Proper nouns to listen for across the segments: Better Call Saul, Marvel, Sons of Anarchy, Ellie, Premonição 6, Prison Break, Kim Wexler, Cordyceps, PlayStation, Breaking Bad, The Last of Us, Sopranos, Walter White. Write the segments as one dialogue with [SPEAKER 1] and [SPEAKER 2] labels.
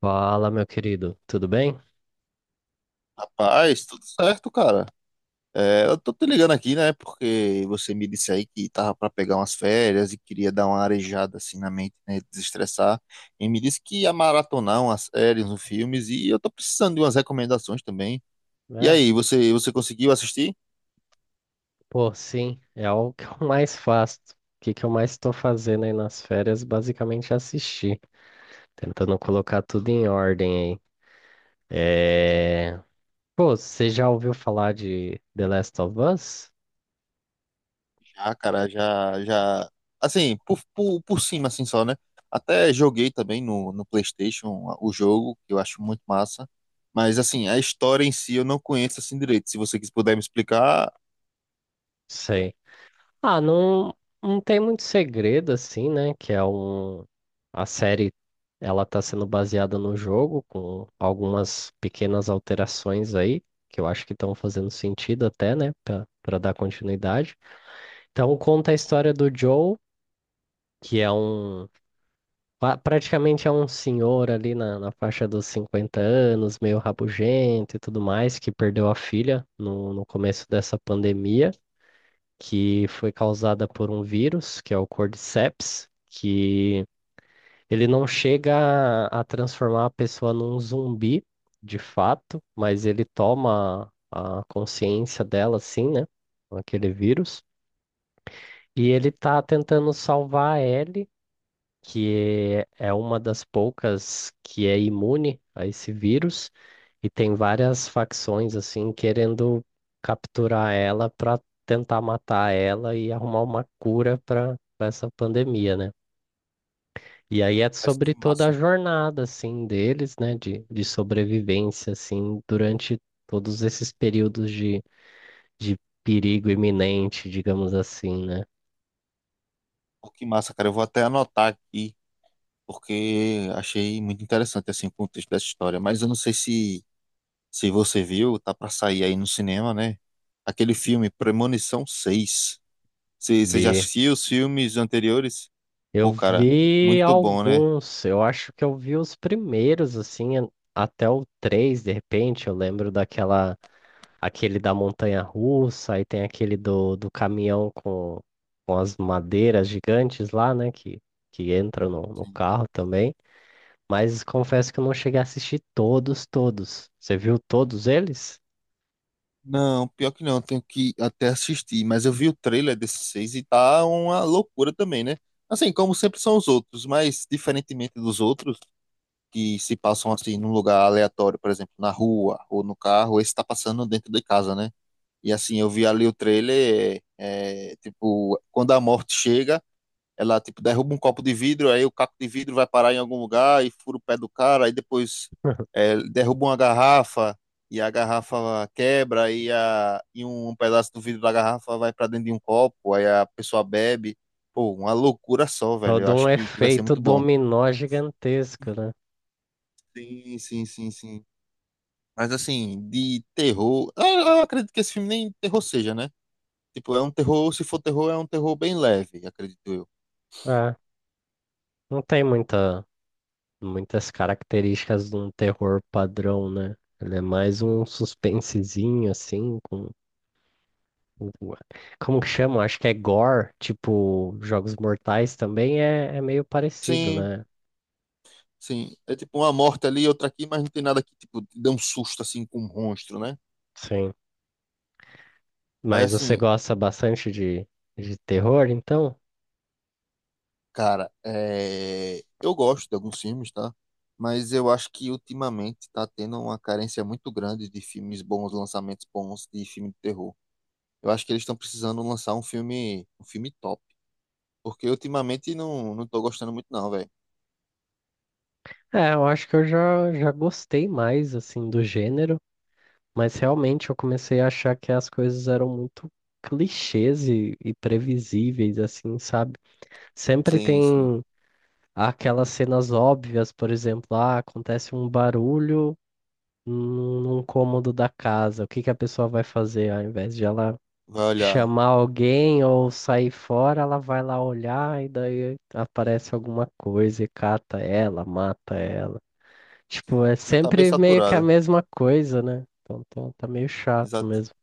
[SPEAKER 1] Fala, meu querido, tudo bem?
[SPEAKER 2] Rapaz, tudo certo, cara. É, eu tô te ligando aqui, né? Porque você me disse aí que tava pra pegar umas férias e queria dar uma arejada assim na mente, né? Desestressar. E me disse que ia maratonar umas séries, uns filmes e eu tô precisando de umas recomendações também. E
[SPEAKER 1] É?
[SPEAKER 2] aí, você conseguiu assistir?
[SPEAKER 1] Pô, sim, é o que eu mais faço. O que que eu mais estou fazendo aí nas férias, basicamente é assistir, tentando colocar tudo em ordem aí. É... Pô, você já ouviu falar de The Last of Us?
[SPEAKER 2] Já, cara, já assim, por cima assim só, né? Até joguei também no PlayStation o jogo, que eu acho muito massa. Mas assim, a história em si eu não conheço assim direito. Se você quis puder me explicar.
[SPEAKER 1] Sei. Ah, não, não tem muito segredo assim, né? Que é um. A série, ela tá sendo baseada no jogo, com algumas pequenas alterações aí, que eu acho que estão fazendo sentido até, né? Pra dar continuidade. Então, conta a história do Joe, que é um. Pa- praticamente é um senhor ali na faixa dos 50 anos, meio rabugento e tudo mais, que perdeu a filha no começo dessa pandemia, que foi causada por um vírus, que é o Cordyceps, que ele não chega a transformar a pessoa num zumbi, de fato, mas ele toma a consciência dela, assim, né, com aquele vírus. E ele tá tentando salvar a Ellie, que é uma das poucas que é imune a esse vírus, e tem várias facções assim querendo capturar ela para tentar matar ela e arrumar uma cura para essa pandemia, né? E aí é
[SPEAKER 2] Mas
[SPEAKER 1] sobre
[SPEAKER 2] que
[SPEAKER 1] toda a
[SPEAKER 2] massa.
[SPEAKER 1] jornada assim deles, né, de sobrevivência assim durante todos esses períodos de perigo iminente, digamos assim, né?
[SPEAKER 2] Pô, que massa, cara. Eu vou até anotar aqui, porque achei muito interessante assim, o contexto dessa história. Mas eu não sei se você viu, tá pra sair aí no cinema, né? Aquele filme Premonição 6. Você já
[SPEAKER 1] Ver
[SPEAKER 2] assistiu os filmes anteriores?
[SPEAKER 1] Eu
[SPEAKER 2] Pô, cara,
[SPEAKER 1] vi
[SPEAKER 2] muito bom, né?
[SPEAKER 1] alguns, eu acho que eu vi os primeiros, assim, até o 3. De repente, eu lembro aquele da montanha russa, aí tem aquele do caminhão com as madeiras gigantes lá, né, que entram no
[SPEAKER 2] Sim.
[SPEAKER 1] carro também, mas confesso que eu não cheguei a assistir todos, todos. Você viu todos eles?
[SPEAKER 2] Não, pior que não, eu tenho que até assistir, mas eu vi o trailer desse 6 e tá uma loucura também, né? Assim, como sempre são os outros, mas diferentemente dos outros, que se passam assim num lugar aleatório, por exemplo, na rua ou no carro, esse tá passando dentro de casa, né? E assim, eu vi ali o trailer, tipo, quando a morte chega, ela tipo derruba um copo de vidro, aí o caco de vidro vai parar em algum lugar e fura o pé do cara, aí depois é, derruba uma garrafa e a garrafa quebra e, a, e um pedaço do vidro da garrafa vai para dentro de um copo, aí a pessoa bebe. Pô, uma loucura só, velho. Eu
[SPEAKER 1] Todo um
[SPEAKER 2] acho que vai ser
[SPEAKER 1] efeito
[SPEAKER 2] muito bom.
[SPEAKER 1] dominó gigantesco, né?
[SPEAKER 2] Sim, sim, sim, sim. Mas assim, de terror. Eu acredito que esse filme nem terror seja, né? Tipo, é um terror, se for terror, é um terror bem leve, acredito eu.
[SPEAKER 1] É, não tem muitas características de um terror padrão, né? Ele é mais um suspensezinho, assim, com- como que chama? Acho que é gore, tipo, Jogos Mortais também é meio parecido,
[SPEAKER 2] Sim,
[SPEAKER 1] né?
[SPEAKER 2] sim. É tipo uma morte ali, outra aqui, mas não tem nada que, tipo, te dê um susto assim com um monstro, né?
[SPEAKER 1] Sim.
[SPEAKER 2] Mas
[SPEAKER 1] Mas você
[SPEAKER 2] assim,
[SPEAKER 1] gosta bastante de terror, então?
[SPEAKER 2] cara, é... eu gosto de alguns filmes, tá? Mas eu acho que ultimamente tá tendo uma carência muito grande de filmes bons, lançamentos bons de filme de terror. Eu acho que eles estão precisando lançar um filme top. Porque ultimamente não tô gostando muito, não, velho.
[SPEAKER 1] É, eu acho que eu já gostei mais, assim, do gênero, mas realmente eu comecei a achar que as coisas eram muito clichês e previsíveis, assim, sabe? Sempre
[SPEAKER 2] Sim, sim.
[SPEAKER 1] tem aquelas cenas óbvias, por exemplo, ah, acontece um barulho num cômodo da casa, o que que a pessoa vai fazer? Ao invés de ela
[SPEAKER 2] Vai olhar.
[SPEAKER 1] chamar alguém ou sair fora, ela vai lá olhar e daí aparece alguma coisa e cata ela, mata ela. Tipo, é
[SPEAKER 2] Já tá bem
[SPEAKER 1] sempre meio que a
[SPEAKER 2] saturada.
[SPEAKER 1] mesma coisa, né? Então tá, tá meio chato
[SPEAKER 2] Exato.
[SPEAKER 1] mesmo.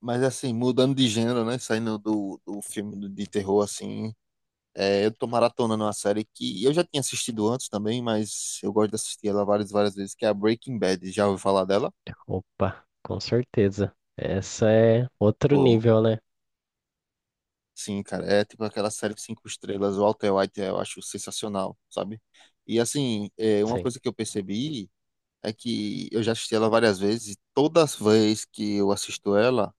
[SPEAKER 2] Mas assim, mudando de gênero, né? Saindo do filme de terror, assim. É, eu tô maratonando uma série que eu já tinha assistido antes também, mas eu gosto de assistir ela várias vezes, que é a Breaking Bad. Já ouviu falar dela?
[SPEAKER 1] Opa, com certeza. Essa é outro
[SPEAKER 2] Pô,
[SPEAKER 1] nível, né?
[SPEAKER 2] sim, cara. É tipo aquela série de cinco estrelas. O Walter White eu acho sensacional, sabe? E assim, é, uma
[SPEAKER 1] Sim,
[SPEAKER 2] coisa que eu percebi é que eu já assisti ela várias vezes e todas as vezes que eu assisto ela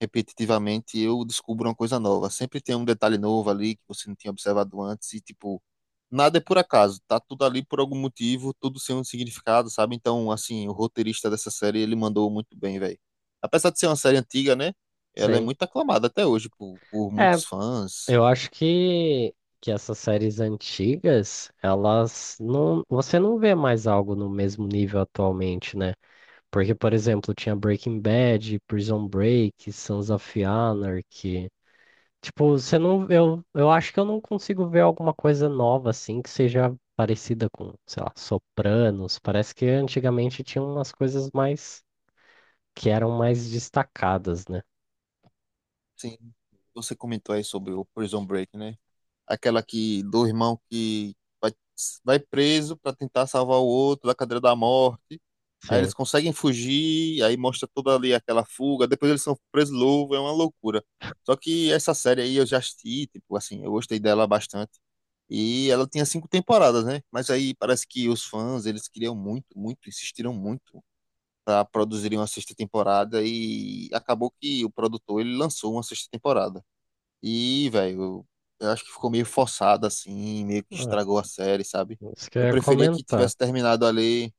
[SPEAKER 2] repetitivamente, eu descubro uma coisa nova. Sempre tem um detalhe novo ali que você não tinha observado antes e, tipo, nada é por acaso. Tá tudo ali por algum motivo, tudo sem um significado, sabe? Então, assim, o roteirista dessa série, ele mandou muito bem, velho. Apesar de ser uma série antiga, né? Ela é
[SPEAKER 1] sim.
[SPEAKER 2] muito aclamada até hoje por
[SPEAKER 1] É,
[SPEAKER 2] muitos fãs.
[SPEAKER 1] eu acho que essas séries antigas, elas não. você não vê mais algo no mesmo nível atualmente, né? Porque, por exemplo, tinha Breaking Bad, Prison Break, Sons of Anarchy. Tipo, você não, eu, acho que eu não consigo ver alguma coisa nova assim que seja parecida com, sei lá, Sopranos. Parece que antigamente tinha umas coisas mais que eram mais destacadas, né?
[SPEAKER 2] Sim, você comentou aí sobre o Prison Break, né? Aquela que do irmão que vai, vai preso para tentar salvar o outro da cadeira da morte. Aí
[SPEAKER 1] Sim.
[SPEAKER 2] eles conseguem fugir, aí mostra toda ali aquela fuga, depois eles são presos louvo, é uma loucura. Só que essa série aí eu já assisti, tipo assim, eu gostei dela bastante. E ela tinha cinco temporadas, né? Mas aí parece que os fãs, eles queriam muito, insistiram muito para produzirem uma sexta temporada e acabou que o produtor ele lançou uma sexta temporada. E, velho, eu acho que ficou meio forçado, assim, meio que
[SPEAKER 1] Ah,
[SPEAKER 2] estragou a série, sabe?
[SPEAKER 1] isso que eu
[SPEAKER 2] Eu
[SPEAKER 1] ia
[SPEAKER 2] preferia que
[SPEAKER 1] comentar.
[SPEAKER 2] tivesse terminado ali,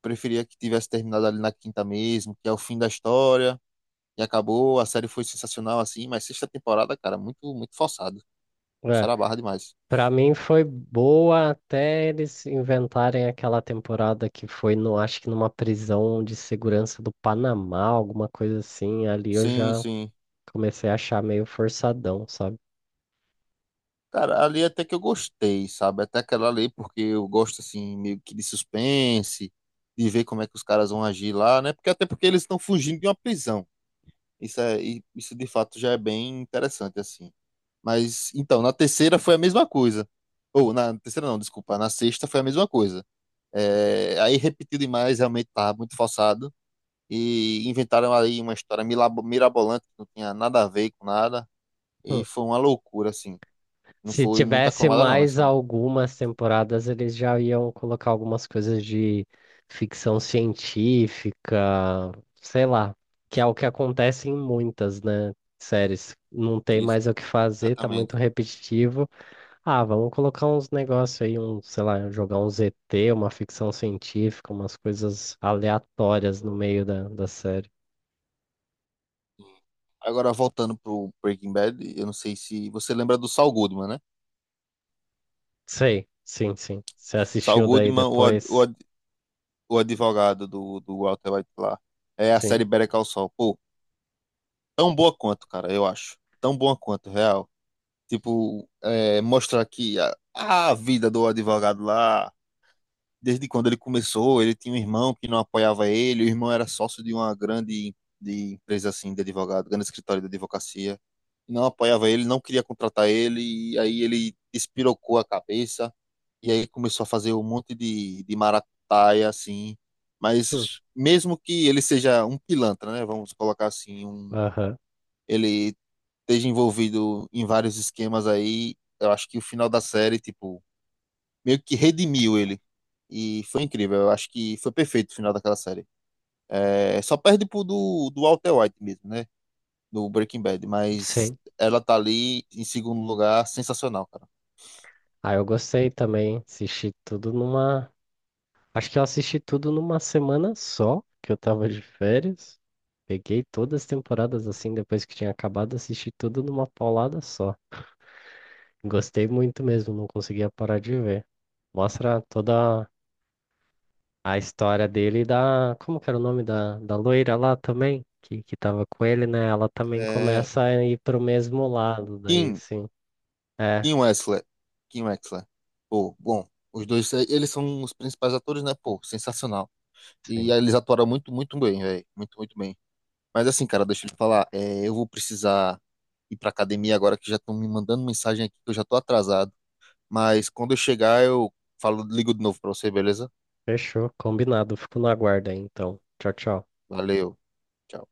[SPEAKER 2] preferia que tivesse terminado ali na quinta mesmo, que é o fim da história, e acabou, a série foi sensacional, assim, mas sexta temporada, cara, muito forçado.
[SPEAKER 1] É,
[SPEAKER 2] Forçaram a barra demais.
[SPEAKER 1] para mim foi boa até eles inventarem aquela temporada que foi no, acho que numa prisão de segurança do Panamá, alguma coisa assim. Ali eu
[SPEAKER 2] Sim,
[SPEAKER 1] já
[SPEAKER 2] sim.
[SPEAKER 1] comecei a achar meio forçadão, sabe?
[SPEAKER 2] Cara, ali até que eu gostei, sabe? Até aquela ali, porque eu gosto, assim, meio que de suspense, de ver como é que os caras vão agir lá, né? Porque até porque eles estão fugindo de uma prisão. Isso é, e isso de fato já é bem interessante, assim. Mas, então, na terceira foi a mesma coisa. Ou, na terceira não, desculpa, na sexta foi a mesma coisa. É, aí repetiu demais, realmente tava muito forçado. E inventaram aí uma história mirabolante, que não tinha nada a ver com nada. E foi uma loucura, assim. Não
[SPEAKER 1] Se
[SPEAKER 2] foi muito
[SPEAKER 1] tivesse
[SPEAKER 2] aclamada, não,
[SPEAKER 1] mais
[SPEAKER 2] essa.
[SPEAKER 1] algumas temporadas, eles já iam colocar algumas coisas de ficção científica, sei lá, que é o que acontece em muitas, né, séries. Não tem
[SPEAKER 2] Isso,
[SPEAKER 1] mais o que fazer, tá muito
[SPEAKER 2] exatamente.
[SPEAKER 1] repetitivo. Ah, vamos colocar uns negócios aí, um, sei lá, jogar um ZT, uma ficção científica, umas coisas aleatórias no meio da série.
[SPEAKER 2] Agora, voltando pro Breaking Bad, eu não sei se você lembra do Saul Goodman, né?
[SPEAKER 1] Sei, sim, sim. Você
[SPEAKER 2] Saul
[SPEAKER 1] assistiu daí
[SPEAKER 2] Goodman,
[SPEAKER 1] depois?
[SPEAKER 2] O advogado do Walter White lá. É a
[SPEAKER 1] Sim.
[SPEAKER 2] série Better Call Saul. Pô, tão boa quanto, cara, eu acho. Tão boa quanto, real. Tipo, é, mostrar que a vida do advogado lá, desde quando ele começou, ele tinha um irmão que não apoiava ele, o irmão era sócio de uma grande de empresa assim de advogado, grande escritório de advocacia. Não apoiava ele, não queria contratar ele, e aí ele espirocou a cabeça e aí começou a fazer um monte de maracutaia, assim.
[SPEAKER 1] Hum.
[SPEAKER 2] Mas mesmo que ele seja um pilantra, né? Vamos colocar assim, um,
[SPEAKER 1] Aham.
[SPEAKER 2] ele esteja envolvido em vários esquemas aí, eu acho que o final da série, tipo, meio que redimiu ele. E foi incrível, eu acho que foi perfeito o final daquela série. É, só perde pro do Walter White mesmo, né? Do Breaking Bad, mas
[SPEAKER 1] Sim.
[SPEAKER 2] ela tá ali em segundo lugar, sensacional, cara.
[SPEAKER 1] Ah, eu gostei também. Assisti tudo numa. Acho que eu assisti tudo numa semana só, que eu tava de férias. Peguei todas as temporadas assim, depois que tinha acabado, assisti tudo numa paulada só. Gostei muito mesmo, não conseguia parar de ver. Mostra toda a história dele e da. Como que era o nome da loira lá também? Que tava com ele, né? Ela também
[SPEAKER 2] É,
[SPEAKER 1] começa a ir pro mesmo lado, daí
[SPEAKER 2] Kim
[SPEAKER 1] sim. É,
[SPEAKER 2] Kim Wexler. Kim Wexler. Pô, bom, os dois, eles são os principais atores, né? Pô, sensacional. E
[SPEAKER 1] sim.
[SPEAKER 2] aí eles atuaram muito bem, velho. Muito bem. Mas assim, cara, deixa eu te falar, eu vou precisar ir pra academia agora que já estão me mandando mensagem aqui que eu já tô atrasado. Mas quando eu chegar, eu falo, ligo de novo pra você, beleza?
[SPEAKER 1] Fechou, combinado. Fico no aguardo aí, então. Tchau, tchau.
[SPEAKER 2] Valeu. Tchau.